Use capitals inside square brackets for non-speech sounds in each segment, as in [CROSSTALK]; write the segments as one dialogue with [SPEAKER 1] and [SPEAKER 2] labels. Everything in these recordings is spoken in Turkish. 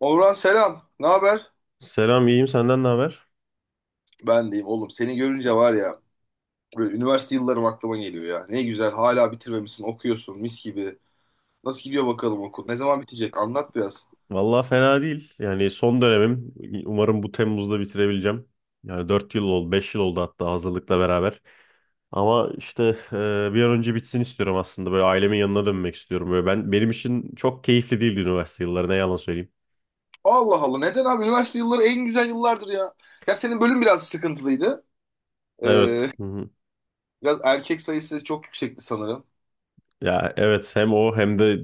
[SPEAKER 1] Orhan selam. Ne haber?
[SPEAKER 2] Selam, iyiyim. Senden ne haber?
[SPEAKER 1] Ben deyim oğlum. Seni görünce var ya böyle üniversite yıllarım aklıma geliyor ya. Ne güzel hala bitirmemişsin okuyorsun mis gibi. Nasıl gidiyor bakalım okul? Ne zaman bitecek? Anlat biraz.
[SPEAKER 2] Vallahi fena değil. Yani son dönemim. Umarım bu Temmuz'da bitirebileceğim. Yani 4 yıl oldu, 5 yıl oldu hatta hazırlıkla beraber. Ama işte bir an önce bitsin istiyorum aslında. Böyle ailemin yanına dönmek istiyorum. Böyle ben benim için çok keyifli değildi üniversite yılları. Ne yalan söyleyeyim.
[SPEAKER 1] Allah Allah neden abi? Üniversite yılları en güzel yıllardır ya. Ya senin bölüm biraz sıkıntılıydı.
[SPEAKER 2] Evet.
[SPEAKER 1] Ee,
[SPEAKER 2] Hı hı.
[SPEAKER 1] Biraz erkek sayısı çok yüksekti sanırım.
[SPEAKER 2] Ya evet, hem o hem de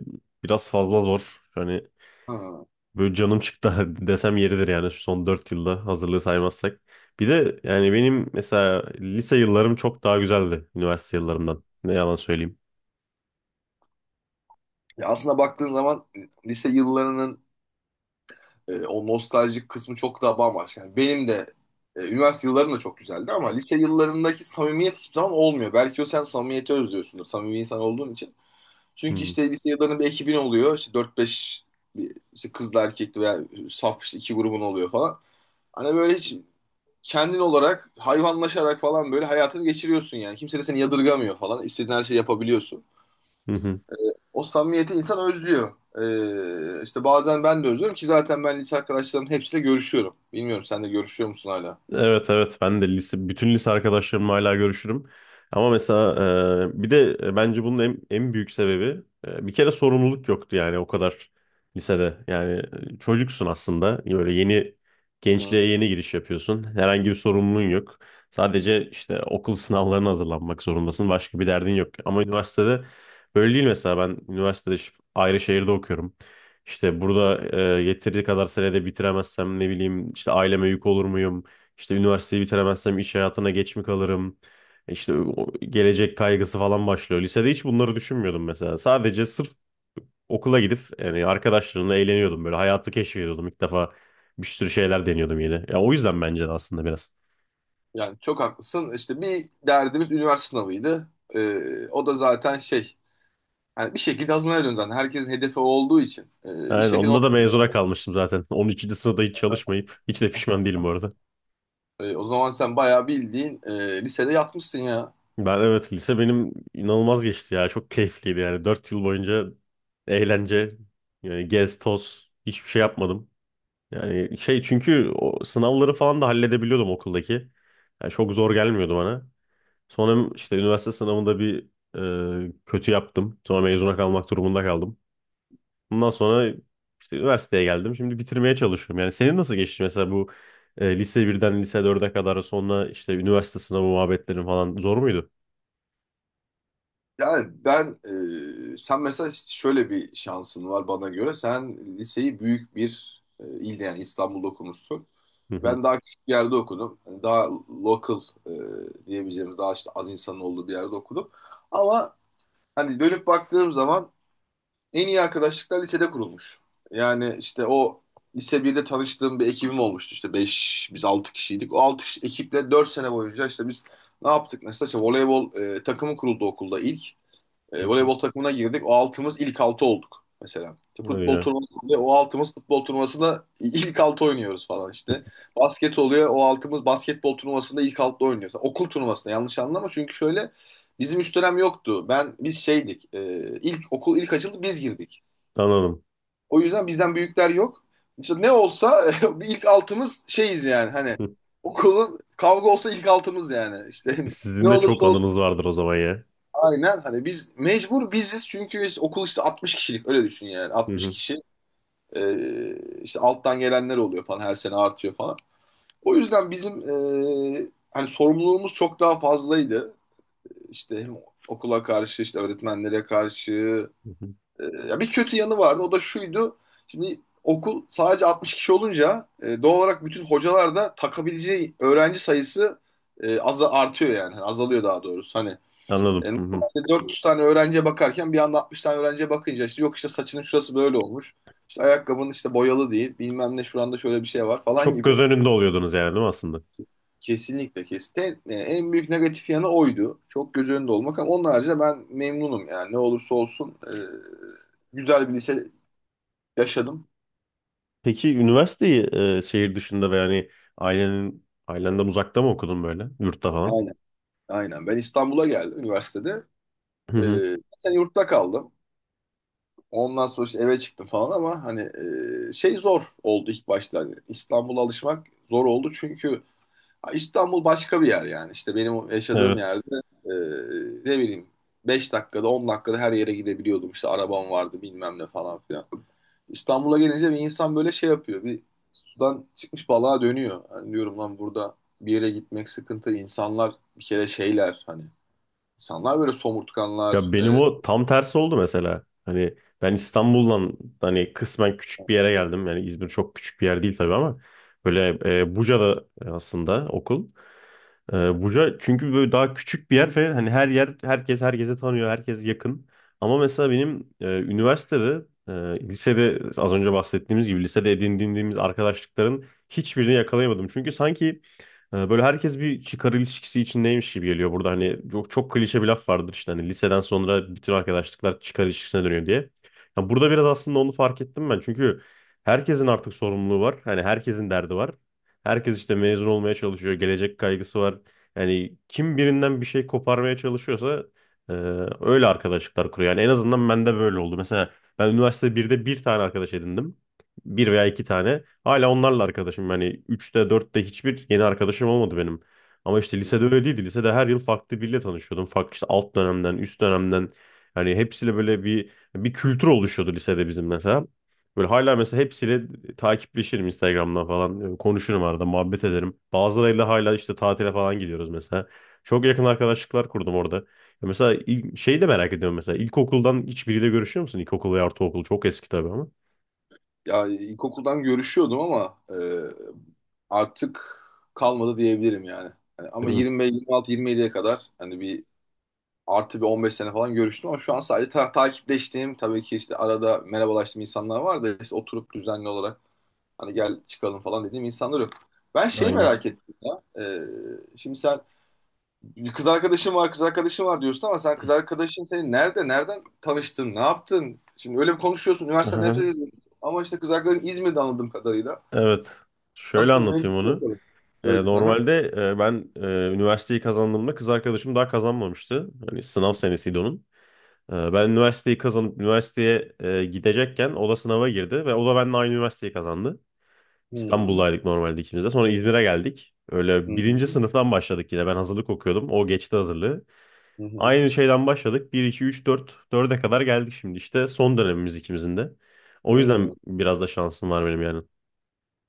[SPEAKER 2] biraz fazla zor. Hani
[SPEAKER 1] Ha.
[SPEAKER 2] böyle canım çıktı [LAUGHS] desem yeridir yani şu son 4 yılda hazırlığı saymazsak. Bir de yani benim mesela lise yıllarım çok daha güzeldi üniversite yıllarımdan. Ne yalan söyleyeyim.
[SPEAKER 1] Ya aslında baktığın zaman lise yıllarının o nostaljik kısmı çok daha bambaşka. Yani benim de üniversite yıllarım da çok güzeldi ama lise yıllarındaki samimiyet hiçbir zaman olmuyor. Belki o sen samimiyeti özlüyorsundur. Samimi insan olduğun için. Çünkü
[SPEAKER 2] Hmm.
[SPEAKER 1] işte lise yıllarında bir ekibin oluyor. İşte dört beş işte kızla erkekli veya saf işte iki grubun oluyor falan. Hani böyle hiç kendin olarak hayvanlaşarak falan böyle hayatını geçiriyorsun yani. Kimse de seni yadırgamıyor falan. İstediğin her şeyi yapabiliyorsun.
[SPEAKER 2] [LAUGHS]
[SPEAKER 1] O samimiyeti insan özlüyor. İşte bazen ben de özlüyorum ki zaten ben lise arkadaşlarımın hepsiyle görüşüyorum. Bilmiyorum sen de görüşüyor musun hala?
[SPEAKER 2] Evet, evet, ben de bütün lise arkadaşlarımla hala görüşürüm. Ama mesela bir de bence bunun en büyük sebebi bir kere sorumluluk yoktu yani o kadar lisede. Yani çocuksun aslında. Böyle yeni
[SPEAKER 1] Hı hı.
[SPEAKER 2] gençliğe yeni giriş yapıyorsun. Herhangi bir sorumluluğun yok. Sadece işte okul sınavlarına hazırlanmak zorundasın. Başka bir derdin yok. Ama üniversitede böyle değil mesela. Ben üniversitede ayrı şehirde okuyorum. İşte burada yeteri kadar senede bitiremezsem ne bileyim işte aileme yük olur muyum? İşte üniversiteyi bitiremezsem iş hayatına geç mi kalırım? İşte o gelecek kaygısı falan başlıyor. Lisede hiç bunları düşünmüyordum mesela. Sadece sırf okula gidip yani arkadaşlarımla eğleniyordum böyle. Hayatı keşfediyordum. İlk defa bir sürü şeyler deniyordum yeni. Ya o yüzden bence de aslında biraz.
[SPEAKER 1] Yani çok haklısın. İşte bir derdimiz üniversite sınavıydı. O da zaten şey. Yani bir şekilde hazırlanıyorsun zaten. Herkesin hedefi olduğu için. Bir
[SPEAKER 2] Yani
[SPEAKER 1] şekilde.
[SPEAKER 2] onda da mezuna kalmıştım zaten. [LAUGHS] 12. sınıfta hiç çalışmayıp hiç de pişman değilim bu arada.
[SPEAKER 1] E, o zaman sen bayağı bildiğin lisede yatmışsın ya.
[SPEAKER 2] Ben evet, lise benim inanılmaz geçti ya. Çok keyifliydi yani. 4 yıl boyunca eğlence, yani gez toz hiçbir şey yapmadım. Yani şey, çünkü o sınavları falan da halledebiliyordum okuldaki. Yani çok zor gelmiyordu bana. Sonra işte üniversite sınavında bir kötü yaptım. Sonra mezuna kalmak durumunda kaldım. Bundan sonra işte üniversiteye geldim. Şimdi bitirmeye çalışıyorum. Yani senin nasıl geçti mesela bu lise birden lise dörde kadar sonra işte üniversite sınavı muhabbetlerin falan zor muydu?
[SPEAKER 1] Yani ben, Sen mesela şöyle bir şansın var bana göre. Sen liseyi büyük bir ilde yani İstanbul'da okumuşsun.
[SPEAKER 2] Hı hı.
[SPEAKER 1] Ben daha küçük bir yerde okudum. Yani daha local diyebileceğimiz, daha işte az insanın olduğu bir yerde okudum. Ama hani dönüp baktığım zaman en iyi arkadaşlıklar lisede kurulmuş. Yani işte o lise birde tanıştığım bir ekibim olmuştu işte 5 biz 6 kişiydik. O 6 kişi ekiple 4 sene boyunca işte biz ne yaptık mesela işte voleybol takımı kuruldu okulda ilk.
[SPEAKER 2] Hı
[SPEAKER 1] E,
[SPEAKER 2] hı.
[SPEAKER 1] voleybol takımına girdik. O altımız ilk altı olduk mesela. İşte
[SPEAKER 2] Öyle
[SPEAKER 1] futbol
[SPEAKER 2] ya.
[SPEAKER 1] turnuvası oluyor. O altımız futbol turnuvasında ilk altı oynuyoruz falan işte. Basket oluyor. O altımız basketbol turnuvasında ilk altı oynuyoruz. Okul turnuvasında yanlış anlama. Çünkü şöyle bizim üst dönem yoktu. Ben biz şeydik. E, ilk okul ilk açıldı biz girdik.
[SPEAKER 2] Anladım.
[SPEAKER 1] O yüzden bizden büyükler yok. İşte ne olsa [LAUGHS] bir ilk altımız şeyiz yani hani
[SPEAKER 2] [LAUGHS]
[SPEAKER 1] okulun kavga olsa ilk altımız yani. İşte [LAUGHS] ne
[SPEAKER 2] Sizin de çok
[SPEAKER 1] olursa.
[SPEAKER 2] anınız vardır o zaman ya.
[SPEAKER 1] Aynen hani biz mecbur biziz okul işte 60 kişilik öyle düşün yani
[SPEAKER 2] Hı
[SPEAKER 1] 60
[SPEAKER 2] hı.
[SPEAKER 1] kişi. Ee, işte alttan gelenler oluyor falan her sene artıyor falan. O yüzden bizim hani sorumluluğumuz çok daha fazlaydı. İşte hem okula karşı işte öğretmenlere karşı.
[SPEAKER 2] Hı hı.
[SPEAKER 1] Ya bir kötü yanı vardı o da şuydu. Şimdi okul sadece 60 kişi olunca doğal olarak bütün hocalar da takabileceği öğrenci sayısı az artıyor yani. Hani azalıyor daha doğrusu hani. E,
[SPEAKER 2] Anladım. Hı hı.
[SPEAKER 1] normalde 400 tane öğrenciye bakarken bir anda 60 tane öğrenciye bakınca işte yok işte saçının şurası böyle olmuş. İşte ayakkabının işte boyalı değil. Bilmem ne şuranda şöyle bir şey var falan
[SPEAKER 2] Çok göz
[SPEAKER 1] gibi.
[SPEAKER 2] önünde oluyordunuz yani değil mi aslında?
[SPEAKER 1] Kesinlikle kesin. E, en büyük negatif yanı oydu. Çok göz önünde olmak ama onun haricinde ben memnunum yani. Ne olursa olsun güzel bir lise yaşadım.
[SPEAKER 2] Peki üniversiteyi şehir dışında ve yani ailenden uzakta mı okudun böyle? Yurtta falan.
[SPEAKER 1] Aynen. Aynen. Ben İstanbul'a geldim üniversitede.
[SPEAKER 2] Hı
[SPEAKER 1] E,
[SPEAKER 2] hı.
[SPEAKER 1] bir sene yurtta kaldım. Ondan sonra işte eve çıktım falan ama hani şey zor oldu ilk başta. Hani İstanbul'a alışmak zor oldu çünkü İstanbul başka bir yer yani. İşte benim yaşadığım
[SPEAKER 2] Evet.
[SPEAKER 1] yerde e, ne bileyim 5 dakikada 10 dakikada her yere gidebiliyordum. İşte arabam vardı bilmem ne falan filan. İstanbul'a gelince bir insan böyle şey yapıyor. Bir sudan çıkmış balığa dönüyor. Yani diyorum lan burada bir yere gitmek sıkıntı. İnsanlar bir kere şeyler hani. İnsanlar böyle
[SPEAKER 2] Ya
[SPEAKER 1] somurtkanlar. E,
[SPEAKER 2] benim o tam tersi oldu mesela. Hani ben İstanbul'dan hani kısmen küçük bir yere geldim. Yani İzmir çok küçük bir yer değil tabii ama böyle Buca'da aslında okul. Buca çünkü böyle daha küçük bir yer ve hani her yer, herkes herkese tanıyor, herkes yakın. Ama mesela benim üniversitede, e, lisede az önce bahsettiğimiz gibi lisede edindiğimiz arkadaşlıkların hiçbirini yakalayamadım. Çünkü sanki böyle herkes bir çıkar ilişkisi içindeymiş gibi geliyor burada. Hani çok, çok klişe bir laf vardır işte hani liseden sonra bütün arkadaşlıklar çıkar ilişkisine dönüyor diye. Ya burada biraz aslında onu fark ettim ben. Çünkü herkesin artık sorumluluğu var. Hani herkesin derdi var. Herkes işte mezun olmaya çalışıyor. Gelecek kaygısı var. Yani kim birinden bir şey koparmaya çalışıyorsa e, öyle arkadaşlıklar kuruyor. Yani en azından bende böyle oldu. Mesela ben üniversite 1'de bir tane arkadaş edindim. Bir veya iki tane. Hala onlarla arkadaşım. Yani üçte dörtte hiçbir yeni arkadaşım olmadı benim. Ama işte lisede öyle değildi. Lisede her yıl farklı biriyle tanışıyordum. Farklı işte alt dönemden, üst dönemden. Yani hepsiyle böyle bir kültür oluşuyordu lisede bizim mesela. Böyle hala mesela hepsiyle takipleşirim Instagram'dan falan. Konuşurum arada, muhabbet ederim. Bazılarıyla hala işte tatile falan gidiyoruz mesela. Çok yakın arkadaşlıklar kurdum orada. Ya mesela şeyi de merak ediyorum mesela. İlkokuldan hiçbiriyle görüşüyor musun? İlkokul ve ortaokul çok eski tabii ama.
[SPEAKER 1] ya ilkokuldan görüşüyordum ama artık kalmadı diyebilirim yani. Hani ama
[SPEAKER 2] Değil mi?
[SPEAKER 1] 25, 26, 27'ye kadar hani bir artı bir 15 sene falan görüştüm ama şu an sadece takipleştiğim tabii ki işte arada merhabalaştığım insanlar var da işte oturup düzenli olarak hani gel çıkalım falan dediğim insanlar yok. Ben şeyi. Hmm.
[SPEAKER 2] Aynen.
[SPEAKER 1] Merak ettim ya. Şimdi sen bir kız arkadaşın var, kız arkadaşın var diyorsun ama sen kız arkadaşın seni nerede, nereden tanıştın, ne yaptın? Şimdi öyle bir konuşuyorsun, üniversiteden nefret
[SPEAKER 2] [LAUGHS]
[SPEAKER 1] ediyorsun. Ama işte kız arkadaşın İzmir'de anladığım kadarıyla.
[SPEAKER 2] Evet. Şöyle
[SPEAKER 1] Nasıl? Ne?
[SPEAKER 2] anlatayım onu.
[SPEAKER 1] Söyle. Hı hı.
[SPEAKER 2] Normalde ben üniversiteyi kazandığımda kız arkadaşım daha kazanmamıştı. Hani sınav senesiydi onun. Ben üniversiteyi kazanıp üniversiteye gidecekken o da sınava girdi ve o da benimle aynı üniversiteyi kazandı.
[SPEAKER 1] Hmm.
[SPEAKER 2] İstanbul'daydık normalde ikimiz de. Sonra İzmir'e geldik.
[SPEAKER 1] Hı
[SPEAKER 2] Öyle birinci
[SPEAKER 1] hı.
[SPEAKER 2] sınıftan başladık yine. Ben hazırlık okuyordum. O geçti hazırlığı.
[SPEAKER 1] Hı hı.
[SPEAKER 2] Aynı şeyden başladık. Bir 2 3 4 dörde kadar geldik şimdi. İşte son dönemimiz ikimizin de. O yüzden
[SPEAKER 1] Hmm.
[SPEAKER 2] biraz da şansım var benim yani.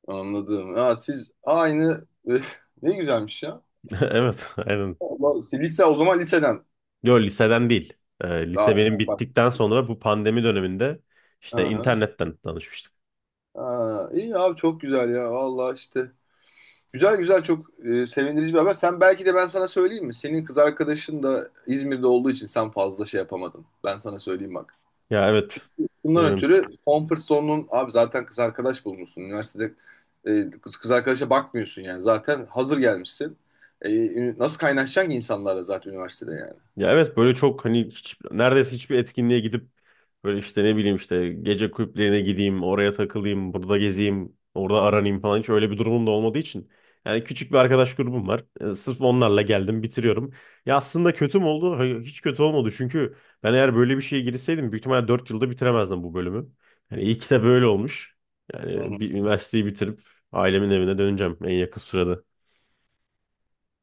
[SPEAKER 1] Anladım. Ya siz aynı [LAUGHS] ne güzelmiş ya.
[SPEAKER 2] [LAUGHS] Evet, aynen.
[SPEAKER 1] Allah, siz lise o zaman liseden.
[SPEAKER 2] Yok, liseden değil.
[SPEAKER 1] Aa,
[SPEAKER 2] Lise benim
[SPEAKER 1] ha, bak.
[SPEAKER 2] bittikten sonra bu pandemi döneminde işte
[SPEAKER 1] Aha.
[SPEAKER 2] internetten tanışmıştık.
[SPEAKER 1] Aa, iyi abi çok güzel ya. Vallahi işte. Güzel güzel çok sevindirici bir haber. Sen belki de ben sana söyleyeyim mi? Senin kız arkadaşın da İzmir'de olduğu için sen fazla şey yapamadın. Ben sana söyleyeyim bak.
[SPEAKER 2] Ya evet.
[SPEAKER 1] Çünkü bundan
[SPEAKER 2] Ee,
[SPEAKER 1] ötürü comfort zone'un abi zaten kız arkadaş bulmuşsun. Üniversitede kız arkadaşa bakmıyorsun yani. Zaten hazır gelmişsin. E, Nasıl kaynaşacaksın ki insanlarla zaten üniversitede
[SPEAKER 2] ya evet, böyle çok hani hiç, neredeyse hiçbir etkinliğe gidip böyle işte ne bileyim işte gece kulüplerine gideyim, oraya takılayım, burada gezeyim, orada aranayım falan hiç öyle bir durumum da olmadığı için. Yani küçük bir arkadaş grubum var. Sırf onlarla geldim, bitiriyorum. Ya aslında kötü mü oldu? Hayır, hiç kötü olmadı. Çünkü ben eğer böyle bir şeye girseydim büyük ihtimalle 4 yılda bitiremezdim bu bölümü. Yani iyi ki de böyle olmuş. Yani
[SPEAKER 1] yani?
[SPEAKER 2] bir üniversiteyi bitirip ailemin evine döneceğim en yakın sürede.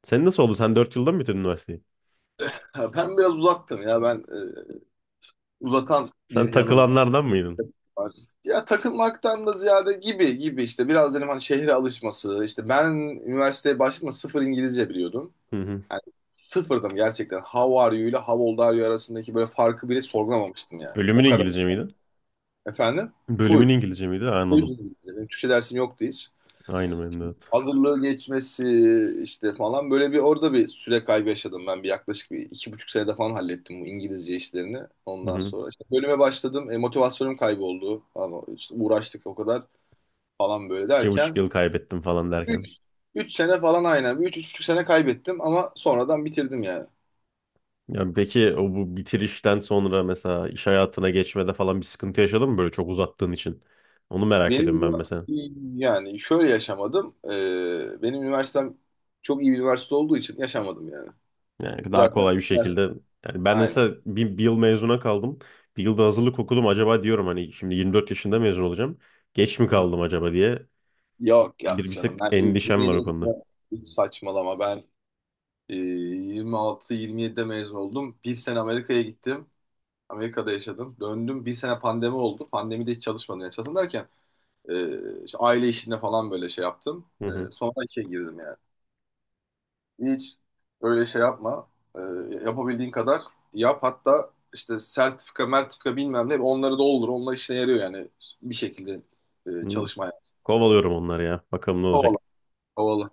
[SPEAKER 2] Sen nasıl oldu? Sen 4 yılda mı bitirdin üniversiteyi?
[SPEAKER 1] Ha, ben biraz uzaktım ya uzatan
[SPEAKER 2] Sen
[SPEAKER 1] bir yanım
[SPEAKER 2] takılanlardan mıydın?
[SPEAKER 1] var. Ya takılmaktan da ziyade gibi gibi işte biraz dedim hani şehre alışması işte ben üniversiteye başladığımda sıfır İngilizce biliyordum.
[SPEAKER 2] Hı hı.
[SPEAKER 1] Yani sıfırdım gerçekten. How are you ile how old are you arasındaki böyle farkı bile sorgulamamıştım yani.
[SPEAKER 2] Bölümün
[SPEAKER 1] O kadar.
[SPEAKER 2] İngilizce miydi?
[SPEAKER 1] Efendim?
[SPEAKER 2] Bölümün
[SPEAKER 1] Full.
[SPEAKER 2] İngilizce miydi? Ha,
[SPEAKER 1] Full
[SPEAKER 2] anladım.
[SPEAKER 1] İngilizce. Benim Türkçe dersim yoktu hiç.
[SPEAKER 2] Aynı benim de. Evet.
[SPEAKER 1] Hazırlığı geçmesi işte falan böyle bir orada bir süre kaybı yaşadım ben bir yaklaşık bir iki buçuk senede falan hallettim bu İngilizce işlerini
[SPEAKER 2] Hı
[SPEAKER 1] ondan
[SPEAKER 2] hı.
[SPEAKER 1] sonra işte bölüme başladım motivasyonum kayboldu ama işte uğraştık o kadar falan böyle
[SPEAKER 2] İki buçuk
[SPEAKER 1] derken
[SPEAKER 2] yıl kaybettim falan derken.
[SPEAKER 1] 3 3 sene falan aynen bir üç üç buçuk sene kaybettim ama sonradan bitirdim yani.
[SPEAKER 2] Ya peki o bu bitirişten sonra mesela iş hayatına geçmede falan bir sıkıntı yaşadın mı böyle çok uzattığın için? Onu merak ediyorum
[SPEAKER 1] Benim
[SPEAKER 2] ben mesela.
[SPEAKER 1] yani şöyle yaşamadım. E, benim üniversitem çok iyi bir üniversite olduğu için yaşamadım yani.
[SPEAKER 2] Yani daha
[SPEAKER 1] Zaten
[SPEAKER 2] kolay bir şekilde.
[SPEAKER 1] üniversite-
[SPEAKER 2] Yani ben
[SPEAKER 1] aynen.
[SPEAKER 2] mesela bir yıl mezuna kaldım. Bir yılda hazırlık okudum. Acaba diyorum hani şimdi 24 yaşında mezun olacağım. Geç mi kaldım acaba diye.
[SPEAKER 1] Yok yok
[SPEAKER 2] Bir
[SPEAKER 1] canım
[SPEAKER 2] tık
[SPEAKER 1] ben
[SPEAKER 2] endişem var
[SPEAKER 1] 27
[SPEAKER 2] o konuda.
[SPEAKER 1] yaşında hiç saçmalama ben 26-27'de mezun oldum. Bir sene Amerika'ya gittim. Amerika'da yaşadım. Döndüm bir sene pandemi oldu. Pandemide hiç çalışmadım. Yani çalışmadım derken işte aile işinde falan böyle şey yaptım.
[SPEAKER 2] Hı
[SPEAKER 1] E,
[SPEAKER 2] hı.
[SPEAKER 1] sonra işe girdim yani. Hiç öyle şey yapma. E, Yapabildiğin kadar yap. Hatta işte sertifika mertifika bilmem ne onları da olur. Onlar işine yarıyor yani bir şekilde
[SPEAKER 2] Hı.
[SPEAKER 1] çalışmaya.
[SPEAKER 2] Kovalıyorum onları ya. Bakalım ne olacak.
[SPEAKER 1] Kovala. Kovala.